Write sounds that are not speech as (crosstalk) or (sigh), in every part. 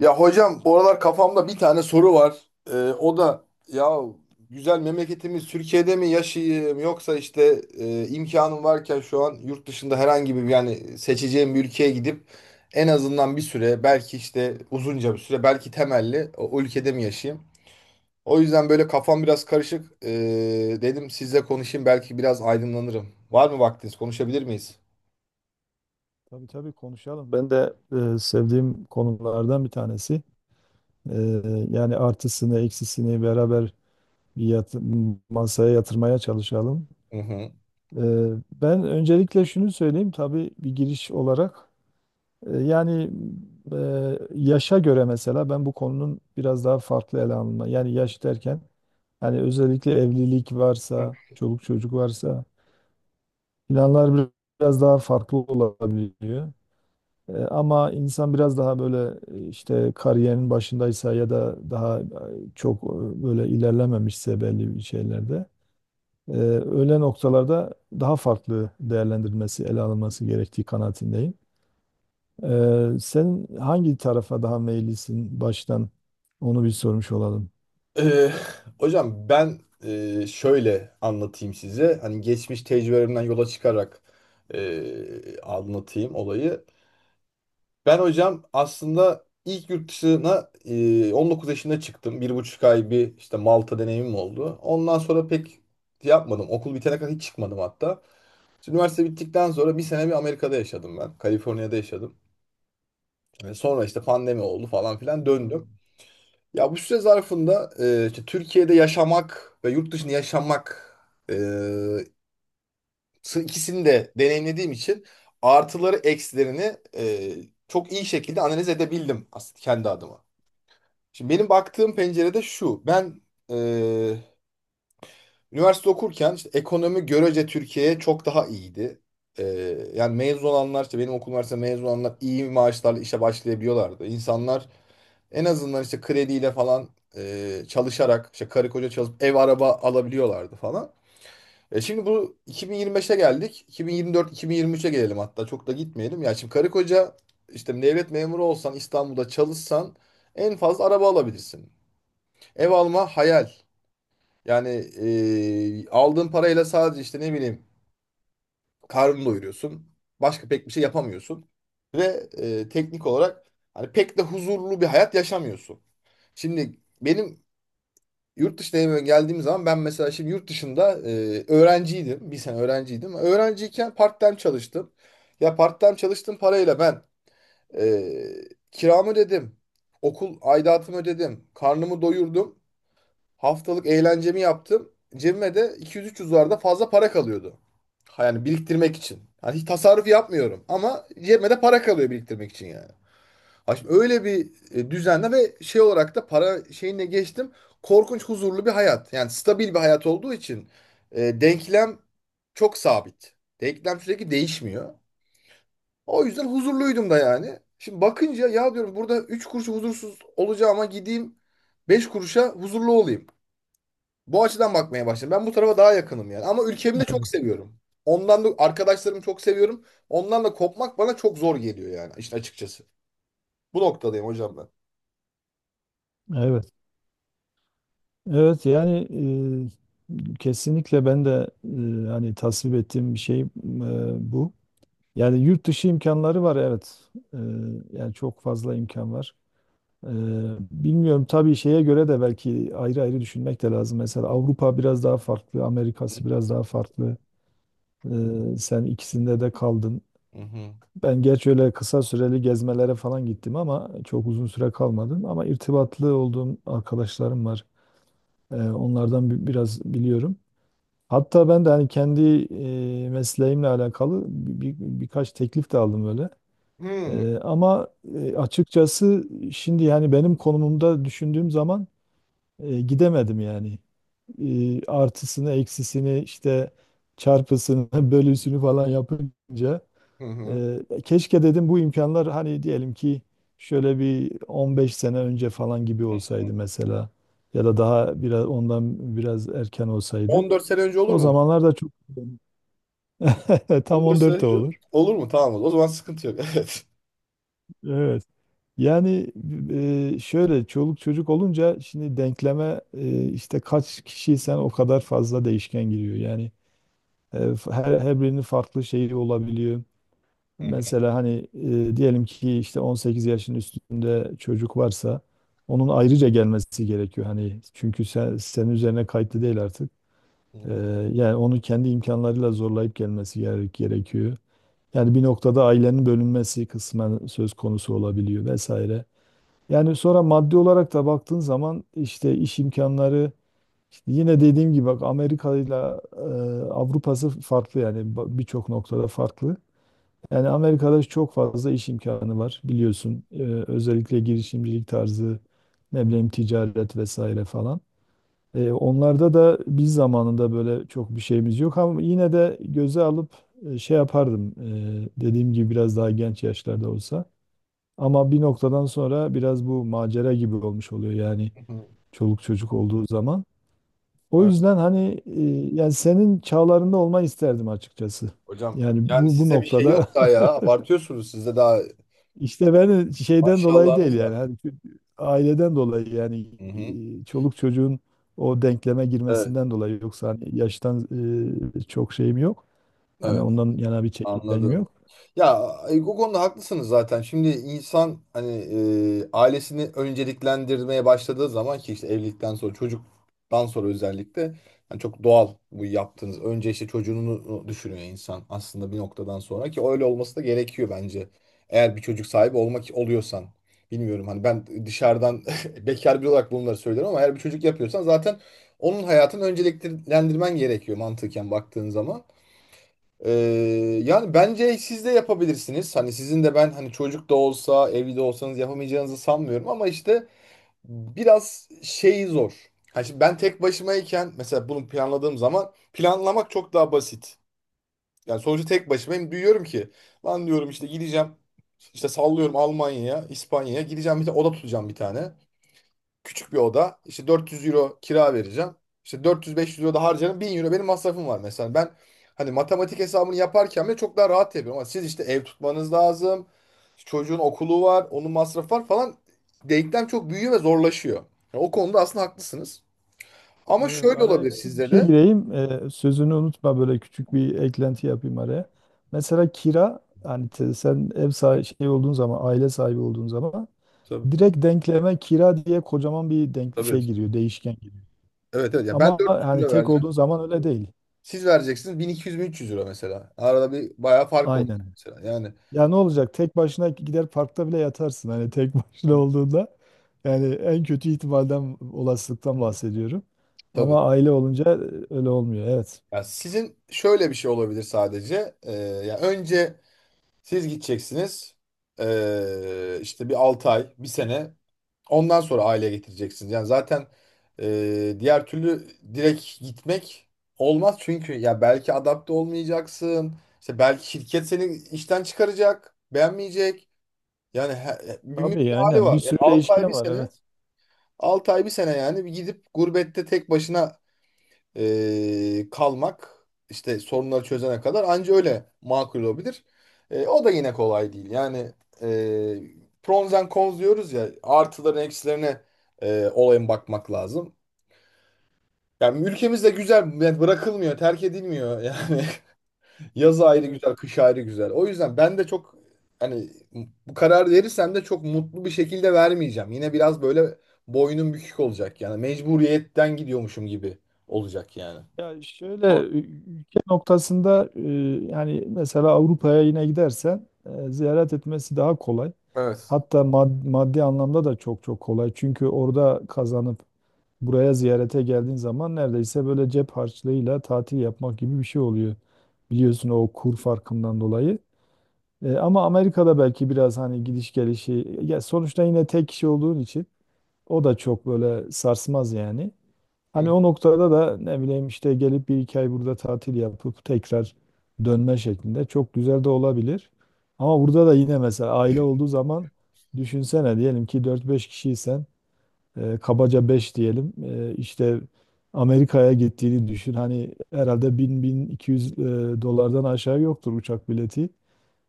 Ya hocam bu aralar kafamda bir tane soru var. Ee, o da ya güzel memleketimiz Türkiye'de mi yaşayayım yoksa işte imkanım varken şu an yurt dışında herhangi bir yani seçeceğim bir ülkeye gidip en azından bir süre belki işte uzunca bir süre belki temelli o ülkede mi yaşayayım? O yüzden böyle kafam biraz karışık. Dedim sizle konuşayım belki biraz aydınlanırım. Var mı vaktiniz? Konuşabilir miyiz? Tabii, tabii, konuşalım. Ben de sevdiğim konulardan bir tanesi. E, Yani artısını, eksisini beraber bir yat- masaya yatırmaya çalışalım. Hı hı. E, Ben öncelikle şunu söyleyeyim, tabii bir giriş olarak. Yani e, yaşa göre mesela ben bu konunun biraz daha farklı ele alınma. Yani yaş derken yani özellikle evlilik varsa, çoluk çocuk varsa planlar biraz daha farklı olabiliyor. Ama insan biraz daha böyle işte kariyerin başındaysa ya da daha çok böyle ilerlememişse belli bir şeylerde öyle noktalarda daha farklı değerlendirilmesi, ele alınması gerektiği kanaatindeyim. Sen hangi tarafa daha meyillisin, baştan onu bir sormuş olalım. Ee, hocam ben şöyle anlatayım size. Hani geçmiş tecrübelerimden yola çıkarak anlatayım olayı. Ben hocam aslında ilk yurt dışına 19 yaşında çıktım. 1,5 ay bir işte Malta deneyimim oldu. Ondan sonra pek yapmadım. Okul bitene kadar hiç çıkmadım hatta. İşte üniversite bittikten sonra bir sene bir Amerika'da yaşadım ben. Kaliforniya'da yaşadım. Sonra işte pandemi oldu falan filan Hmm. döndüm. Ya bu süre zarfında işte Türkiye'de yaşamak ve yurt dışında yaşamak e, ikisini de deneyimlediğim için artıları eksilerini çok iyi şekilde analiz edebildim aslında kendi adıma. Şimdi benim baktığım pencerede şu. Ben e, üniversite okurken işte ekonomi görece Türkiye'ye çok daha iyiydi. E, yani mezun olanlar işte benim okul üniversite mezun olanlar iyi maaşlarla işe başlayabiliyorlardı. İnsanlar en azından işte krediyle falan çalışarak işte karı koca çalışıp ev araba alabiliyorlardı falan. Şimdi bu 2025'e geldik. 2024-2023'e gelelim hatta çok da gitmeyelim. Ya şimdi karı koca işte devlet memuru olsan İstanbul'da çalışsan en fazla araba alabilirsin. Ev alma hayal. Yani aldığın parayla sadece işte ne bileyim karnını doyuruyorsun. Başka pek bir şey yapamıyorsun. Ve teknik olarak hani pek de huzurlu bir hayat yaşamıyorsun. Şimdi benim yurt dışına hemen geldiğim zaman ben mesela şimdi yurt dışında öğrenciydim. Bir sene öğrenciydim. Öğrenciyken part-time çalıştım. Ya part-time çalıştığım parayla ben e, kiramı ödedim. Okul aidatımı ödedim. Karnımı doyurdum. Haftalık eğlencemi yaptım. Cebime de 200-300 dolarda fazla para kalıyordu. Ha, yani biriktirmek için. Yani hiç tasarruf yapmıyorum ama cebime de para kalıyor biriktirmek için yani. Ay şimdi öyle bir düzenle ve şey olarak da para şeyine geçtim. Korkunç huzurlu bir hayat. Yani stabil bir hayat olduğu için denklem çok sabit. Denklem sürekli değişmiyor. O yüzden huzurluydum da yani. Şimdi bakınca ya diyorum burada 3 kuruş huzursuz olacağıma gideyim 5 kuruşa huzurlu olayım. Bu açıdan bakmaya başladım. Ben bu tarafa daha yakınım yani. Ama ülkemi de çok Evet, seviyorum. Ondan da arkadaşlarımı çok seviyorum. Ondan da kopmak bana çok zor geliyor yani işte açıkçası. Bu noktadayım hocam ben. evet. Evet, yani kesinlikle ben de hani tasvip ettiğim bir şey, bu. Yani yurt dışı imkanları var, evet. Yani çok fazla imkan var. Ee, Bilmiyorum tabii, şeye göre de belki ayrı ayrı düşünmek de lazım. Mesela Avrupa biraz daha farklı, Amerika'sı biraz daha farklı. Sen ikisinde de kaldın. Hı hı. Ben gerçi öyle kısa süreli gezmelere falan gittim ama çok uzun süre kalmadım. Ama irtibatlı olduğum arkadaşlarım var. Onlardan biraz biliyorum. Hatta ben de hani kendi mesleğimle alakalı birkaç teklif de aldım öyle. Hmm. Ama açıkçası şimdi yani benim konumumda düşündüğüm zaman gidemedim yani. Artısını, eksisini, işte çarpısını, (laughs) bölüsünü falan yapınca Hı hı. e, keşke dedim, bu imkanlar hani diyelim ki şöyle bir 15 sene önce falan gibi olsaydı mesela, ya da daha biraz ondan biraz erken olsaydı. 14 sene önce olur O mu? zamanlar da çok (laughs) tam 14 sene 14 de önce olur. olur mu? Tamam o zaman sıkıntı yok. (laughs) Evet. Yani şöyle çoluk çocuk olunca şimdi denkleme işte kaç kişiysen o kadar fazla değişken giriyor. Yani her, her birinin farklı şeyi olabiliyor. Evet. Mesela hani diyelim ki işte 18 yaşın üstünde çocuk varsa onun ayrıca gelmesi gerekiyor. Hani çünkü senin üzerine kayıtlı değil artık. E, Yani onu kendi imkanlarıyla zorlayıp gerekiyor. Yani bir noktada ailenin bölünmesi kısmen söz konusu olabiliyor vesaire. Yani sonra maddi olarak da baktığın zaman işte iş imkanları işte yine dediğim gibi, bak, Amerika ile Avrupa'sı farklı yani, birçok noktada farklı. Yani Amerika'da çok fazla iş imkanı var, biliyorsun. Özellikle girişimcilik tarzı, ne bileyim, ticaret vesaire falan. Onlarda da biz zamanında böyle çok bir şeyimiz yok ama yine de göze alıp şey yapardım. Dediğim gibi biraz daha genç yaşlarda olsa. Ama bir noktadan sonra biraz bu macera gibi olmuş oluyor yani, Hı hı, hı hı. çoluk çocuk olduğu zaman. O Evet, yüzden hani yani senin çağlarında olmayı isterdim açıkçası. hocam Yani yani bu size bir şey noktada yok daha ya. Abartıyorsunuz. Sizde daha (laughs) işte ben şeyden dolayı değil maşallahınız var. yani, hani şu aileden dolayı yani, Hı hı. Çoluk çocuğun o denkleme Evet. girmesinden dolayı, yoksa hani yaştan çok şeyim yok. Hani Evet. ondan yana bir çekincem Anladım. yok. Ya bu konuda haklısınız zaten. Şimdi insan hani ailesini önceliklendirmeye başladığı zaman ki işte evlilikten sonra çocuktan sonra özellikle yani çok doğal bu yaptığınız. Önce işte çocuğunu düşünüyor insan aslında bir noktadan sonra ki öyle olması da gerekiyor bence. Eğer bir çocuk sahibi olmak oluyorsan. Bilmiyorum hani ben dışarıdan (laughs) bekar biri olarak bunları söylüyorum ama eğer bir çocuk yapıyorsan zaten onun hayatını önceliklendirmen gerekiyor mantıken baktığın zaman. Ee, yani bence siz de yapabilirsiniz. Hani sizin de ben hani çocuk da olsa, evli de olsanız yapamayacağınızı sanmıyorum ama işte biraz şey zor. Hani şimdi ben tek başımayken mesela bunu planladığım zaman planlamak çok daha basit. Yani sonuçta tek başımayım. Duyuyorum ki lan diyorum işte gideceğim işte sallıyorum Almanya'ya, İspanya'ya gideceğim bir de oda tutacağım bir tane. Küçük bir oda. İşte 400 euro kira vereceğim. İşte 400-500 euro da harcarım. 1000 euro benim masrafım var mesela. Ben hani matematik hesabını yaparken bile çok daha rahat yapıyorum. Ama siz işte ev tutmanız lazım. Çocuğun okulu var. Onun masrafı var falan. Denklem çok büyüyor ve zorlaşıyor. Yani o konuda aslında haklısınız. Ama Evet, şöyle araya olabilir küçük bir sizde şey de. gireyim. Sözünü unutma, böyle küçük bir eklenti yapayım araya. Mesela kira, hani sen ev sahibi şey olduğun zaman, aile sahibi olduğun zaman Tabii. direkt denkleme kira diye kocaman bir denk şey Tabii. giriyor, değişken giriyor. Evet evet. Ya ben Ama 400 hani euro tek vereceğim. olduğun zaman öyle değil. Siz vereceksiniz 1200-1300 euro mesela. Arada bir bayağı fark oldu Aynen. mesela. Yani Ya, ne olacak? Tek başına gider parkta bile yatarsın hani tek (laughs) başına olduğunda. Yani en kötü ihtimalden, olasılıktan bahsediyorum. tabii. Ama aile olunca öyle olmuyor. Evet. Ya sizin şöyle bir şey olabilir sadece. Ya önce siz gideceksiniz. İşte bir 6 ay, bir sene. Ondan sonra aile getireceksiniz. Yani zaten diğer türlü direkt gitmek olmaz. Çünkü ya belki adapte olmayacaksın. İşte belki şirket seni işten çıkaracak, beğenmeyecek. Yani bir müdür Tabii, hali aynen. var. Bir Yani sürü 6 ay değişken bir var. sene. Evet. 6 ay bir sene yani bir gidip gurbette tek başına kalmak işte sorunları çözene kadar anca öyle makul olabilir. O da yine kolay değil. Yani e, pros and cons diyoruz ya artıların eksilerine olayın bakmak lazım. Yani ülkemiz de güzel yani bırakılmıyor, terk edilmiyor. Yani (laughs) yaz ayrı Evet. güzel, kış ayrı güzel. O yüzden ben de çok hani bu karar verirsem de çok mutlu bir şekilde vermeyeceğim. Yine biraz böyle boynum bükük olacak yani mecburiyetten gidiyormuşum gibi olacak yani. Ya şöyle Doğru. Ülke noktasında yani mesela Avrupa'ya yine gidersen ziyaret etmesi daha kolay. Evet. Hatta maddi anlamda da çok çok kolay. Çünkü orada kazanıp buraya ziyarete geldiğin zaman neredeyse böyle cep harçlığıyla tatil yapmak gibi bir şey oluyor. Biliyorsun, o kur farkından dolayı. Ama Amerika'da belki biraz hani gidiş gelişi, ya sonuçta yine tek kişi olduğun için o da çok böyle sarsmaz yani. Hı. Hani o noktada da ne bileyim işte gelip bir iki ay burada tatil yapıp tekrar dönme şeklinde çok güzel de olabilir. Ama burada da yine mesela aile olduğu zaman düşünsene, diyelim ki dört beş kişiysen kabaca 5 diyelim, işte Amerika'ya gittiğini düşün. Hani herhalde 1000-1200 dolardan aşağı yoktur uçak bileti.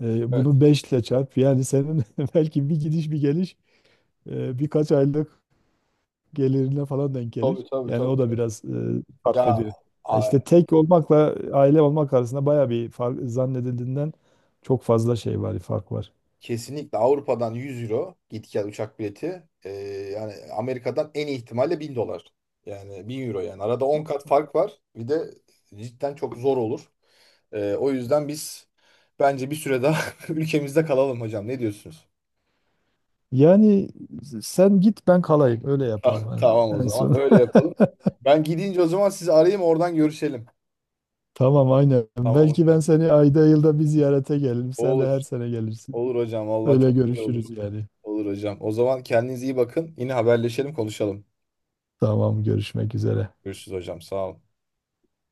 Evet. Bunu 5 ile çarp, yani senin (laughs) belki bir gidiş bir geliş birkaç aylık gelirine falan denk Tabii gelir. tabii Yani o da tabii. biraz fark Ya ediyor. Ya a- İşte tek olmakla aile olmak arasında baya bir fark, zannedildiğinden çok fazla şey var, fark var. kesinlikle Avrupa'dan 100 euro git gel uçak bileti. Yani Amerika'dan en iyi ihtimalle 1000 dolar. Yani 1000 euro yani. Arada 10 kat fark var. Bir de cidden çok zor olur. O yüzden biz bence bir süre daha (laughs) ülkemizde kalalım hocam. Ne diyorsunuz? Yani sen git, ben kalayım, öyle Ah, yapalım tamam en o en zaman son. öyle yapalım. (laughs) Ben gidince o zaman sizi arayayım oradan görüşelim. Tamam, aynen. Tamam Belki ben hocam. seni ayda yılda bir ziyarete gelirim. Sen de Olur. her sene gelirsin. Olur hocam. Vallahi Öyle çok güzel olur. görüşürüz yani. Olur hocam. O zaman kendinize iyi bakın. Yine haberleşelim, konuşalım. Tamam, görüşmek üzere. Görüşürüz hocam. Sağ ol.